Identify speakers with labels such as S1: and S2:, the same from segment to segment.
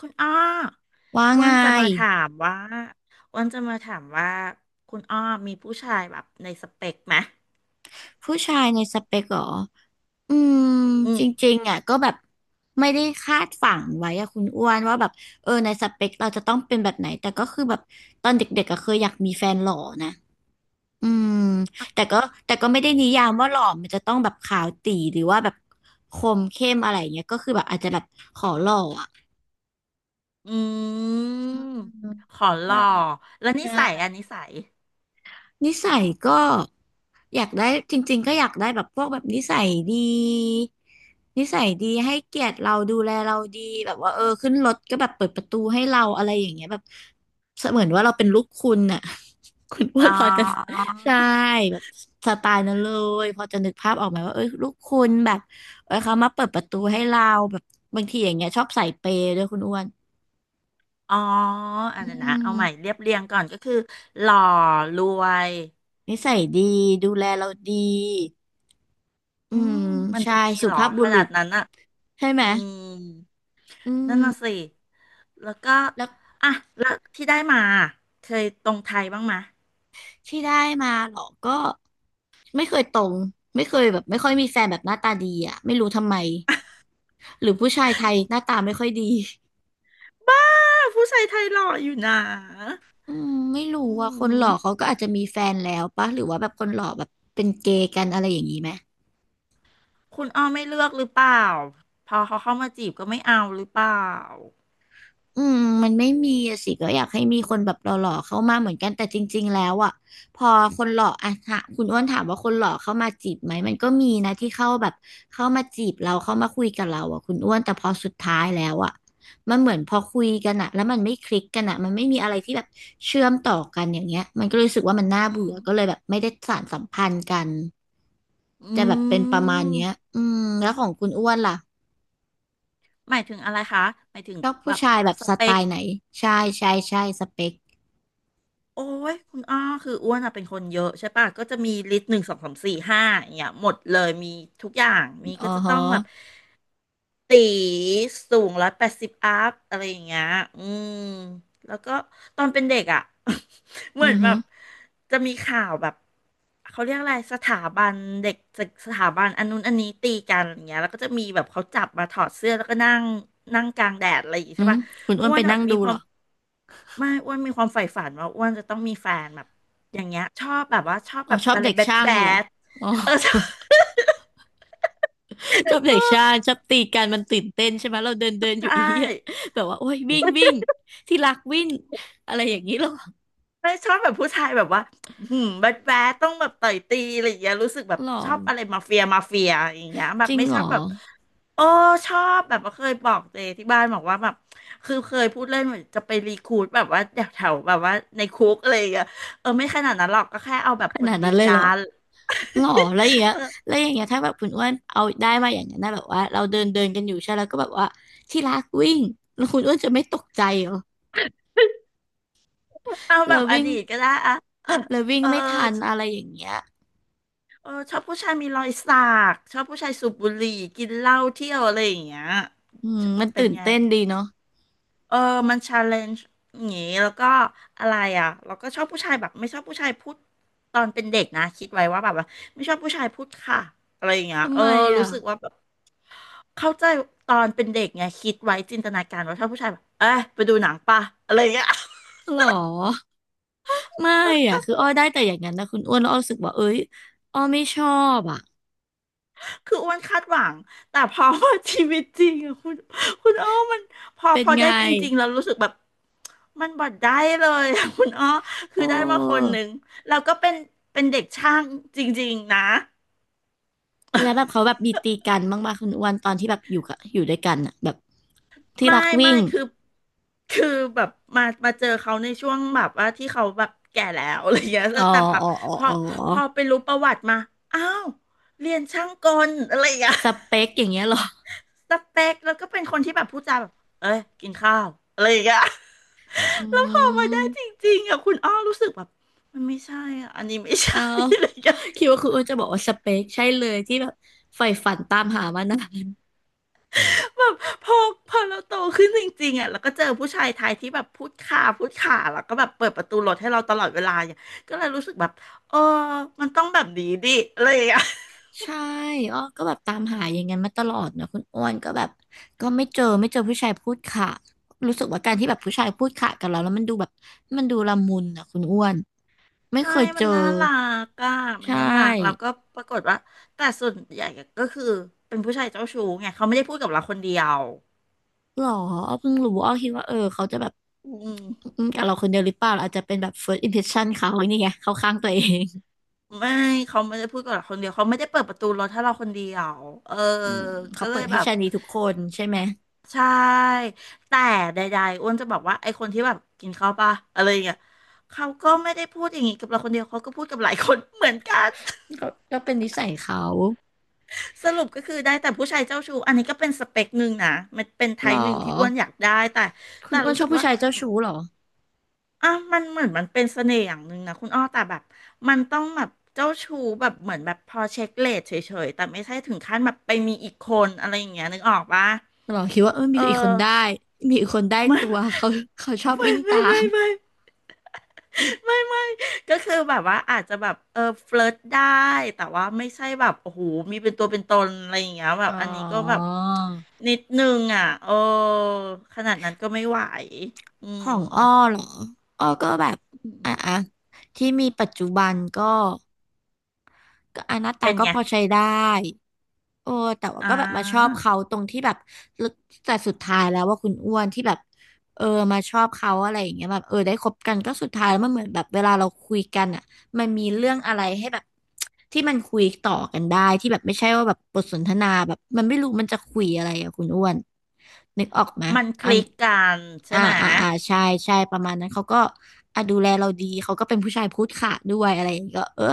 S1: คุณอ้อ
S2: ว่า
S1: อ้
S2: ไง
S1: วนจะมาถามว่าอ้วนจะมาถามว่าคุณอ้อมีผู้ชายแบบในสเปคไหม
S2: ผู้ชายในสเปกเหรออืม
S1: อื
S2: จ
S1: ม
S2: ริงๆอ่ะก็แบบไม่ได้คาดฝังไว้อะคุณอ้วนว่าแบบในสเปคเราจะต้องเป็นแบบไหนแต่ก็คือแบบตอนเด็กๆก็เคยอยากมีแฟนหล่อนะอืมแต่ก็แต่ก็ไม่ได้นิยามว่าหล่อมันจะต้องแบบขาวตี๋หรือว่าแบบคมเข้มอะไรอย่างเงี้ยก็คือแบบอาจจะแบบขอหล่ออ่ะ
S1: อื
S2: อื
S1: ม
S2: ม
S1: ขอหล่อแล้วนิ
S2: ใช่
S1: สัยอันนิสัย
S2: นิสัยก็อยากได้จริงๆก็อยากได้แบบพวกแบบนิสัยดีนิสัยดีให้เกียรติเราดูแลเราดีแบบว่าขึ้นรถก็แบบเปิดประตูให้เราอะไรอย่างเงี้ยแบบเสมือนว่าเราเป็นลูกคุณน่ะ คุณอ้
S1: อ๋
S2: ว่า
S1: อ
S2: พอจะใช่แบบสไตล์นั้นเลยพอจะนึกภาพออกไหมว่าเอ้ยลูกคุณแบบเอ้ยเขามาเปิดประตูให้เราแบบบางทีอย่างเงี้ยชอบใส่เปย์ด้วยคุณอ้วน
S1: อ๋ออั
S2: อื
S1: นนั้นนะเอาใหม่
S2: ม
S1: เรียบเรียงก่อนก็คือหล่อรวย
S2: นิสัยดีดูแลเราดีอื
S1: อื
S2: ม
S1: มมัน
S2: ใช่
S1: จะมี
S2: สุ
S1: เหรอ
S2: ภาพบุ
S1: ข
S2: รุ
S1: นาด
S2: ษ
S1: นั้นอ่ะ
S2: ใช่ไหม
S1: อืม
S2: อื
S1: นั่น
S2: ม
S1: น่ะสิแล้วก็
S2: แล้ว
S1: อ่ะแล้วที่ได้มาเคยตรงไทยบ้างไหม
S2: ที่ได้มาเหรอก็ไม่เคยตรงไม่เคยแบบไม่ค่อยมีแฟนแบบหน้าตาดีอ่ะไม่รู้ทำไมหรือผู้ชายไทยหน้าตาไม่ค่อยดี
S1: ผู้ชายไทยหล่ออยู่นะ
S2: อืมไม่รู้
S1: อื
S2: ว่าคนหล่อเขา
S1: ม
S2: ก็อาจจะมีแฟนแล้วปะหรือว่าแบบคนหล่อแบบเป็นเกย์กันอะไรอย่างนี้ไหม
S1: คุณอ้อไม่เลือกหรือเปล่า พอเขาเข้ามาจีบก็ไม่เอาหรือเปล่า
S2: อืมมันไม่มีอะสิก็อยากให้มีคนแบบหล่อๆเข้ามาเหมือนกันแต่จริงๆแล้วอ่ะพอคนหล่ออ่ะถ้าคุณอ้วนถามว่าคนหล่อเข้ามาจีบไหมมันก็มีนะที่เข้าแบบเข้ามาจีบเราเข้ามาคุยกับเราอ่ะคุณอ้วนแต่พอสุดท้ายแล้วอ่ะมันเหมือนพอคุยกันอ่ะแล้วมันไม่คลิกกันอ่ะมันไม่มีอะไรที่แบบเชื่อมต่อกันอย่างเงี้ยมันก็เลยรู้สึกว่ามันน่า
S1: อื
S2: เบื่
S1: ม
S2: อก็เลยแบบไม่ได้สานสัมพันธ์กันจะแบบ
S1: อื
S2: เป็นประมาณเนี้ย
S1: ม
S2: อืมแล้วของคุณอ้วนล่ะ
S1: หมายถึงอะไรคะหมายถึง
S2: ชอบ
S1: แบ
S2: ผู้
S1: บ
S2: ชายแบบ
S1: ส
S2: ส
S1: เป
S2: ไต
S1: ค
S2: ล์ไหนใช่ใช่ใช่สเปค
S1: โอ้ยคุณอ้อคืออ้วนอะเป็นคนเยอะใช่ปะก็จะมีลิสต์หนึ่งสองสามสี่ห้าอย่างเงี้ยหมดเลยมีทุกอย่างมี
S2: อ๋
S1: ก็
S2: อ
S1: จะ
S2: ฮะ
S1: ต้องแบบ ตีสูง180อัพอะไรอย่างเงี้ยอืมแล้วก็ตอนเป็นเด็กอ่ะ เหมื
S2: อื
S1: อน
S2: อ
S1: แบ
S2: ฮึ
S1: บจะมีข่าวแบบเขาเรียกอะไรสถาบันเด็กสถาบันอันนู้นอันนี้ตีกันอะไรอย่างเงี้ย แล้วก็จะมีแบบเขาจับมาถอดเสื้อแล้วก็นั่งนั่งกลางแดดอะไรอย่างงี้
S2: อื
S1: ใช่
S2: ม
S1: ป่ะ
S2: คุณอ้ว
S1: อ้
S2: น
S1: ว
S2: ไป
S1: นอะ
S2: นั่ง
S1: มี
S2: ดู
S1: ค
S2: เหร
S1: วาม
S2: อ
S1: ไม่อ้วนมีความใฝ่ฝันว่าอ้วนจะต้องมีแฟนแบบอย่างเงี้ยชอบแบบว่าชอบ
S2: อ๋อ
S1: แบบ
S2: ชอบ
S1: อะไร
S2: เด็ก
S1: แบด
S2: ช่า
S1: แบ
S2: งเหรอ
S1: ด
S2: อ๋อ
S1: เออ ชอบ
S2: ชอบเด็กช่างชอบตีกันมันตื่นเต้นใช่ไหมเราเดินเดิ นอยู่
S1: ใช่
S2: อีอะ แบบว่าโอ้ยวิ่งวิ่งที่รักวิ่งอะไรอย่างนี้เหรอ
S1: ไม่ชอบแบบผู้ชายแบบว่าหืมแบดแบดต้องแบบต่อยตีอะไรอย่างเงี้ยรู้สึกแบบ
S2: หรอ
S1: ชอบอะไรมาเฟียมาเฟียอย่างเงี้ยแบ
S2: จ
S1: บ
S2: ริง
S1: ไม่
S2: เห
S1: ช
S2: ร
S1: อบ
S2: อ
S1: แบบโอ้ชอบแบบว่าเคยบอกเจที่บ้านบอกว่าแบบคือเคยพูดเล่นเหมือนจะไปรีครูทแบบว่าแถวๆแบบว่าในคุกอะไรอย่างเงี้ยเออไม่ขนาดนั้นหรอกก็แค่เอาแบบ
S2: ข
S1: คน
S2: นาด
S1: ตี
S2: นั้นเลย
S1: กั
S2: เหรอ
S1: น
S2: หรอแล้วอย่างเงี้ย
S1: เออ
S2: แล้วอย่างเงี้ยถ้าแบบคุณอ้วนเอาได้มาอย่างนั้นนะแบบว่าเราเดินเดินกันอยู่ใช่แล้วก็แบบว่าที่รักวิ่งแล้วคุณอ้วนจะไม่ตกใจเหรอ
S1: เอาแบ
S2: เรา
S1: บอ
S2: วิ่ง
S1: ดีตก็ได้อะ
S2: เราวิ่ง
S1: เออ
S2: ไม่ทันอะไรอย่างเงี้ย
S1: เออเออชอบผู้ชายมีรอยสักชอบผู้ชายสูบบุหรี่กินเหล้าเที่ยวอะไรอย่างเงี้ย
S2: อืมมัน
S1: เป็
S2: ตื่
S1: น
S2: น
S1: ไง
S2: เต้นดีเนาะ
S1: เออมันชาเลนจ์อย่างงี้แล้วก็อะไรอ่ะเราก็ชอบผู้ชายแบบไม่ชอบผู้ชายพูดตอนเป็นเด็กนะคิดไว้ว่าแบบว่าไม่ชอบผู้ชายพูดค่ะอะไรอย่างเงี้ย
S2: ทำ
S1: เออ
S2: ไม
S1: รู้
S2: อ่ะ
S1: สึกว่าแบบเข้าใจตอนเป็นเด็กไงคิดไว้จินตนาการว่าชอบผู้ชายแบบเอ้ยไปดูหนังป่ะอะไรอย่างเงี้ย
S2: หรอไม่อ่ะคืออ้อได้แต่อย่างนั้นนะคุณอ้วนแล้วอ้อรู้สึกว่าเอ้ยอ้อไม่ชอบอ่ะ
S1: คืออ้วนคาดหวังแต่พอ ชีวิตจริงอะคุณคุณอ้อมันพอ
S2: เป็
S1: พ
S2: น
S1: อ
S2: ไง
S1: ได้จริงๆแล้วรู้สึกแบบมันบดได้เลยอะ คุณอ้อ
S2: โอ
S1: คือได้มาคน
S2: ้
S1: หนึ่งแล้วก็เป็นเป็นเด็กช่างจริงๆนะ
S2: แล้วแบบเขาแบบมีตีกันบ้างป่ะคุณอ้วนตอนที่แบบอยู่ด้วยกันอ่ะแบบที่
S1: ไม่
S2: รัก
S1: ไม่
S2: วิ่ง
S1: คือคือแบบมามาเจอเขาในช่วงแบบว่าที่เขาแบบแก่แล้ว อะไรอย่างเงี้ย
S2: อ๋
S1: แล้
S2: อ
S1: วแต่พับ
S2: อ๋ออ๋อ
S1: พอ
S2: อ๋อ
S1: พอไปรู้ประวัติมาอ้าวเรียนช่างกลอะไรอย่างเงี้ย
S2: สเป คอย่างเงี้ยเหรอ
S1: สเปคแล้วก็เป็นคนที่แบบพูดจาแบบเอ้ยกินข้าวอะไรอย่างเงี้ย
S2: อื
S1: แล้วพอมาได้จ
S2: ม
S1: ริงๆอ่ะคุณอ้อรู้สึกแบบมันไม่ใช่อ่ะอันนี้ไม่
S2: เอา
S1: ใช่ อะไรอย่างเงี้ย
S2: คิดว่าคุณอ้วนจะบอกว่าสเปคใช่เลยที่แบบใฝ่ฝันตามหามานาน
S1: แบบพอพอเราโตขึ้นจริงๆอ่ะแล้วก็เจอผู้ชายไทยที่แบบพูดขาพูดขาแล้วก็แบบเปิดประตูรถให้เราตลอดเวลาเนี่ยก็เลยรู้สึกแบบเออมันต้องแบบนี้ดิอะไรอย่างเงี้ย
S2: ใช่อ้อก็แบบตามหาอย่างนั้นมาตลอดนะคุณอ้วนก็แบบก็ไม่เจอผู้ชายพูดค่ะรู้สึกว่าการที่แบบผู้ชายพูดค่ะกับเราแล้วมันดูแบบมันดูละมุนนะคุณอ้วน ไม่
S1: ใช่
S2: เคยเจ
S1: มั
S2: อ
S1: นน่ารักอ่ะ
S2: ใช
S1: มันน่ารักแล้ว
S2: ่
S1: ก็ปรากฏว่าแต่ส่วนใหญ่ก็คือเป็นผู้ชายเจ้าชู้ไงเขาไม่ได้พูดกับเราคนเดียว
S2: หรออ้อเพิ่งรู้อ้อคิดว่าเขาจะแบบ
S1: อืม
S2: อืมกับเราคนเดียวหรือเปล่าเราอาจจะเป็นแบบ first impression เขานี่ไงเขาข้างตัวเอง
S1: ไม่เขาไม่ได้พูดกับเราคนเดียวเขาไม่ได้เปิดประตูรถให้เราคนเดียวเออ
S2: อืมเขา
S1: ก็เล
S2: เปิ
S1: ย
S2: ดให้
S1: แบบ
S2: ชายนีทุกคนใช่ไหม
S1: ใช่แต่ใดๆอ้วนจะบอกว่าไอ้คนที่แบบกินข้าวปะอะไรอย่างเงี้ยเขาก็ไม่ได้พูดอย่างงี้กับเราคนเดียวเขาก็พูดกับหลายคนเหมือนกัน
S2: ก็ก็เป็นนิสัยเขา
S1: สรุปก็คือได้แต่ผู้ชายเจ้าชู้อันนี้ก็เป็นสเปคหนึ่งนะมันเป็นไท
S2: หรอ
S1: ป์หนึ่งที่อ้วนอยากได้แต่
S2: คุณ
S1: แต่
S2: อ้วน
S1: รู้
S2: ช
S1: สึ
S2: อบ
S1: ก
S2: ผู้
S1: ว่า
S2: ชายเจ้าชู้หรอ
S1: อ่ะมันเหมือนมันเป็นเสน่ห์อย่างหนึ่งนะคุณอ้อแต่แบบมันต้องแบบเจ้าชู้แบบเหมือนแบบพอเช็คเลทเฉยๆแต่ไม่ใช่ถึงขั้นแบบไปมีอีกคนอะไรอย่างเงี้ยนึกออกปะ
S2: เราคิดว่ามี
S1: เออ
S2: อีกคนได้มีอีกคนได้
S1: ไม่
S2: ตัวเขา เขาชอบ
S1: ไม่
S2: วิ่ง
S1: ไม่
S2: ตา
S1: ไม่
S2: ม
S1: ไม่ไม่ก็คือแบบว่าอาจจะแบบเออเฟลิร์ตได้แต่ว่าไม่ใช่แบบโอ้โหมีเป็นตัวเป็นตนอะไรอย่างเงี้ยแบบ
S2: อ๋อ
S1: อันนี้ก็แบบนิดนึงอ่ะเออขนาดนั้นก็ไม่ไหวอื
S2: ขอ
S1: ม
S2: งอ้อเหรออ้อก็แบบอ่ะที่มีปัจจุบันก็ก็อะหน้าตา
S1: เป็น
S2: ก็
S1: ไง
S2: พอใช้ได้ โอ้แต่ว่า
S1: อ่า
S2: ก็แบบมาชอบเขาตรงที่แบบ แต่สุดท้ายแล้วว่าคุณอ้วนที่แบบเออมาชอบเขาอะไรอย่างเงี้ยแบบได้คบกันก็สุดท้ายแล้วมันเหมือนแบบเวลาเราคุยกันอ่ะมันมีเรื่องอะไรให้แบบที่มันคุยต่อกันได้ที่แบบไม่ใช่ว่าแบบบทสนทนาแบบมันไม่รู้มันจะคุยอะไรอะคุณอ้วนนึกออกไหม
S1: มันค
S2: อัน
S1: ลิกกันใช่
S2: อ่า
S1: ไหม
S2: อ่าอ่าใช่ใช่ประมาณนั้นเขาก็อ่ะดูแลเราดีเขาก็เป็นผู้ชายพูดขาดด้วยอะไรอย่างเงี้ยก็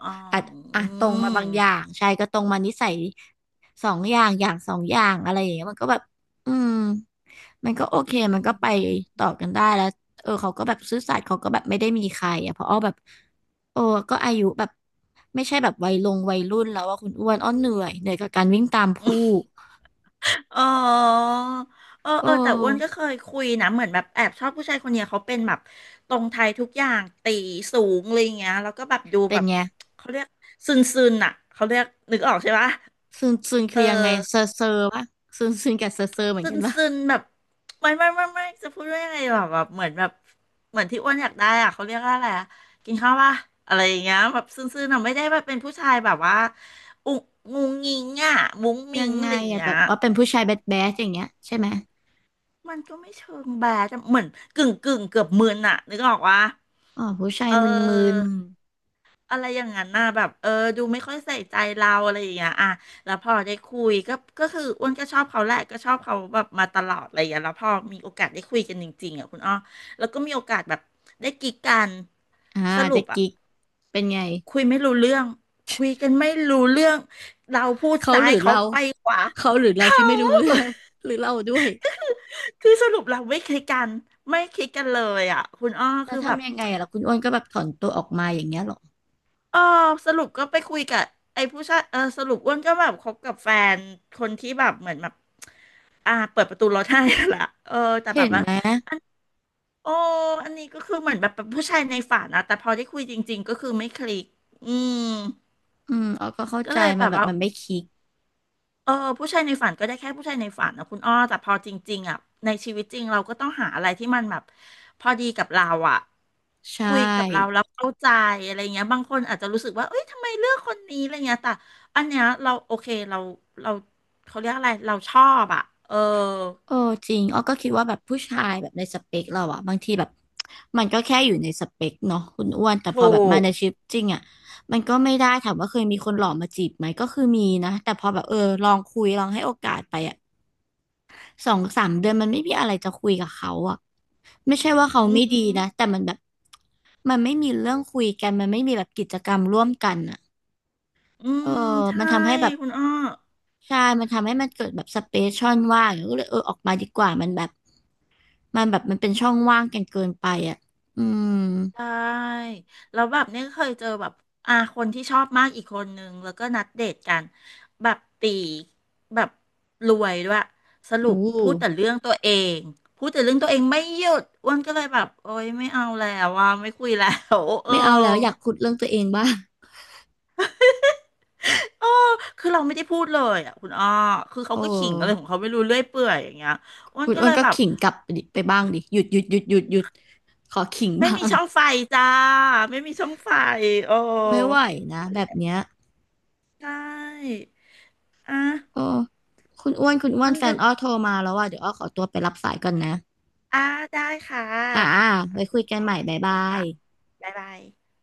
S1: อ๋อ
S2: อาจ
S1: อื
S2: อ่ะตรงมา
S1: ม
S2: บางอย่างใช่ก็ตรงมานิสัยสองอย่าง อย่างสองอย่างอะไรอย่างเงี้ยมันก็แบบอืมมันก็โอเค
S1: อ
S2: มันก็ไป
S1: ม
S2: ต่อกันได้แล้วเออเขาก็แบบซื่อสัตย์เขาก็แบบไม่ได้มีใครอ่ะเพราะอ้อแบบโอ้ก็อายุแบบไม่ใช่แบบวัยลงวัยรุ่นแล้วว่าคุณอ้วนอ้อเหนื่อยกับการวิ่งตามผู้
S1: อ๋อเออ
S2: โอ
S1: เออแต่อ้วนก็
S2: ้
S1: เคยคุยนะ เหมือนแบบแอบชอบผู้ชายคนเนี้ยเขาเป็นแบบตรงไทยทุกอย่างตีสูงอะไรอย่างเงี้ยแล้วก็แบบดู
S2: เป็
S1: แบ
S2: น
S1: บ
S2: ไง
S1: เขาเรียกซึนซึนอ่ะเขาเรียกนึกออกใช่ปะ
S2: ซึนซึน
S1: เอ
S2: คือ
S1: อ
S2: ยังไงเซอร์เซอร์ปะซึนซึนกับเซอร์เซอร์เหมือน
S1: ซึ
S2: กั
S1: น
S2: นปะ
S1: ซึนแบบไม่จะพูดว่ายังไงแบบเหมือนแบบเหมือนที่อ้วนอยากได้อ่ะเขาเรียกว่าอะไรอะกินข้าวป่ะอะไรอย่างเงี้ยแบบซึนซึนอะไม่ได้ว่าเป็นผู้ชายแบบว่าอุงุงงิงอ่ะมุ้งมิ
S2: ยัง
S1: งอะ
S2: ไง
S1: ไรอย่าง
S2: อ่ะ
S1: เงี้
S2: แบ
S1: ย
S2: บว่าเป็นผู้ชายแบดแบดอย่างเงี้ยใช่ไหม
S1: มันก็ไม่เชิงแบดอะเหมือนกึ่งเกือบมึนอ่ะนึกออกวะ
S2: อ๋อผู้ชาย
S1: เอ
S2: มึน
S1: อ
S2: ๆ
S1: อะไรอย่างนั้นน่ะแบบเออดูไม่ค่อยใส่ใจเราอะไรอย่างเงี้ยอ่ะแล้วพอได้คุยก็คืออ้วนก็ชอบเขาแหละก็ชอบเขาแบบมาตลอดอะไรอย่างเงี้ยแล้วพอมีโอกาสได้คุยกันจริงๆอ่ะคุณอ้อแล้วก็มีโอกาสแบบได้กิ๊กกัน
S2: อ่า
S1: สรุ
S2: เจ๊
S1: ปอ่ะ
S2: กิ๊กเป็นไง
S1: คุยไม่รู้เรื่องคุยกันไม่รู้เรื่องเราพูด
S2: เขา
S1: ซ้า
S2: ห
S1: ย
S2: รือ
S1: เขา
S2: เรา
S1: ไปขวา
S2: เขาหรือเรา
S1: เขา
S2: ที่ไม่รู้เรื่อง หรือเราด้วย
S1: คือสรุปเราไม่คลิกกันไม่คลิกกันเลยอ่ะคุณอ้อ
S2: แล้ว
S1: คือแบบ
S2: ทำยังไงอะแล้วคุณอ้วนก็แบบถอนตัวออกมาอย่างเงี้ยเหรอ
S1: เออสรุปก็ไปคุยกับไอ้ผู้ชายเออสรุปอ้วนก็แบบคบกับแฟนคนที่แบบเหมือนแบบอ่าเปิดประตูรถให้นั่นแหละเออแต่แบ
S2: เห็
S1: บ
S2: น
S1: ว่า
S2: ไหม
S1: โอ้อันนี้ก็คือเหมือนแบบเป็นผู้ชายในฝันนะแต่พอได้คุยจริงๆก็คือไม่คลิกอืม
S2: อืมอ้อก็เข้า
S1: ก็
S2: ใจ
S1: เลยแบ
S2: มัน
S1: บ
S2: แบบ
S1: ว่า
S2: มันไม่คลิก
S1: เออผู้ชายในฝันก็ได้แค่ผู้ชายในฝันนะคุณอ้อแต่พอจริงๆอ่ะในชีวิตจริงเราก็ต้องหาอะไรที่มันแบบพอดีกับเราอ่ะ
S2: ใช
S1: คุยกับเรา
S2: ่
S1: แล้วเข้าใจอะไรเงี้ยบางคนอาจจะรู้สึกว่าเอ้ยทำไมเลือกคนนี้อะไรเงี้ยแต่อันเนี้ยเราโอเคเราเขาเรียกอะไรเราชอบอ่ะเออ
S2: โอ้จริงอ้อก็คิดว่าแบบผู้ชายแบบในสเปคเราอะบางทีแบบมันก็แค่อยู่ในสเปคเนาะคุณอ้วนแต่พอ
S1: ถู
S2: แบบมา
S1: ก
S2: ในชีวิตจริงอะมันก็ไม่ได้ถามว่าเคยมีคนหล่อมาจีบไหมก็คือมีนะแต่พอแบบเออลองคุยลองให้โอกาสไปอะ สองสามเดือนมันไม่มีอะไรจะคุยกับเขาอะไม่ใช่ว่าเขา
S1: อื
S2: ไม่ดี
S1: ม
S2: นะแต่มันแบบมันไม่มีเรื่องคุยกันมันไม่มีแบบกิจกรรมร่วมกันอะ
S1: อื
S2: เออ
S1: มใช่
S2: มันทำให้แบบ
S1: คุณอ้อ
S2: ใช่มันทำให้มันเกิดแบบสเปซช่องว่างอย่างเงี้ยก็เลยเออออกมาดีกว่ามันแบบมันเป็นช่องว่างกันเกินไปอะอืม
S1: ได้แล้วแบบเนี่ยเคยเจอแบบอ่าคนที่ชอบมากอีกคนนึงแล้วก็นัดเดทกันแบบตีแบบรวยด้วยสรุ
S2: อู้
S1: ปงพูดแต่เรื่องตัวเองไม่หยุดอ้วนก็เลยแบบโอ๊ยไม่เอาแล้วว่าไม่คุยแล้วเออ
S2: ไม่เอาแล้วอยากขุดเรื่องตัวเองบ้าง
S1: เออคือเราไม่ได้พูดเลยอ่ะคุณอ้อคือ
S2: โอ
S1: เขาก็ขิงอะไรของ
S2: ้
S1: เขาไม่รู้เรื่อยเปื่อยอย่างเงี้ยอ้วน
S2: คุณ
S1: ก็
S2: อ้ว
S1: เล
S2: น
S1: ย
S2: ก็
S1: แบบ
S2: ขิงกลับไปดิไปบ้างดิหยุดหยุดหยุดหยุดหยุดขอขิง
S1: ไม่
S2: บ้า
S1: มี
S2: ง
S1: ช่องไฟจ้าไม่มีช่องไฟโอ้
S2: ไม่ไหวนะแบบเนี้ย
S1: ใช่อ่ะ
S2: เออคุณอ้วนคุณอ้ว
S1: มั
S2: น
S1: น
S2: แฟน
S1: ดึก
S2: อ้อโทรมาแล้วอ่ะเดี๋ยวอ้อขอตัวไปรับสายก่อนนะ
S1: อ่าได้ค่ะ
S2: อ่า
S1: โอ
S2: ไว้
S1: เค
S2: คุยกัน
S1: ค่ะ
S2: ใหม่บ๊า
S1: ส
S2: ย
S1: วัส
S2: บา
S1: ดีค่ะ
S2: ย
S1: บ๊ายบาย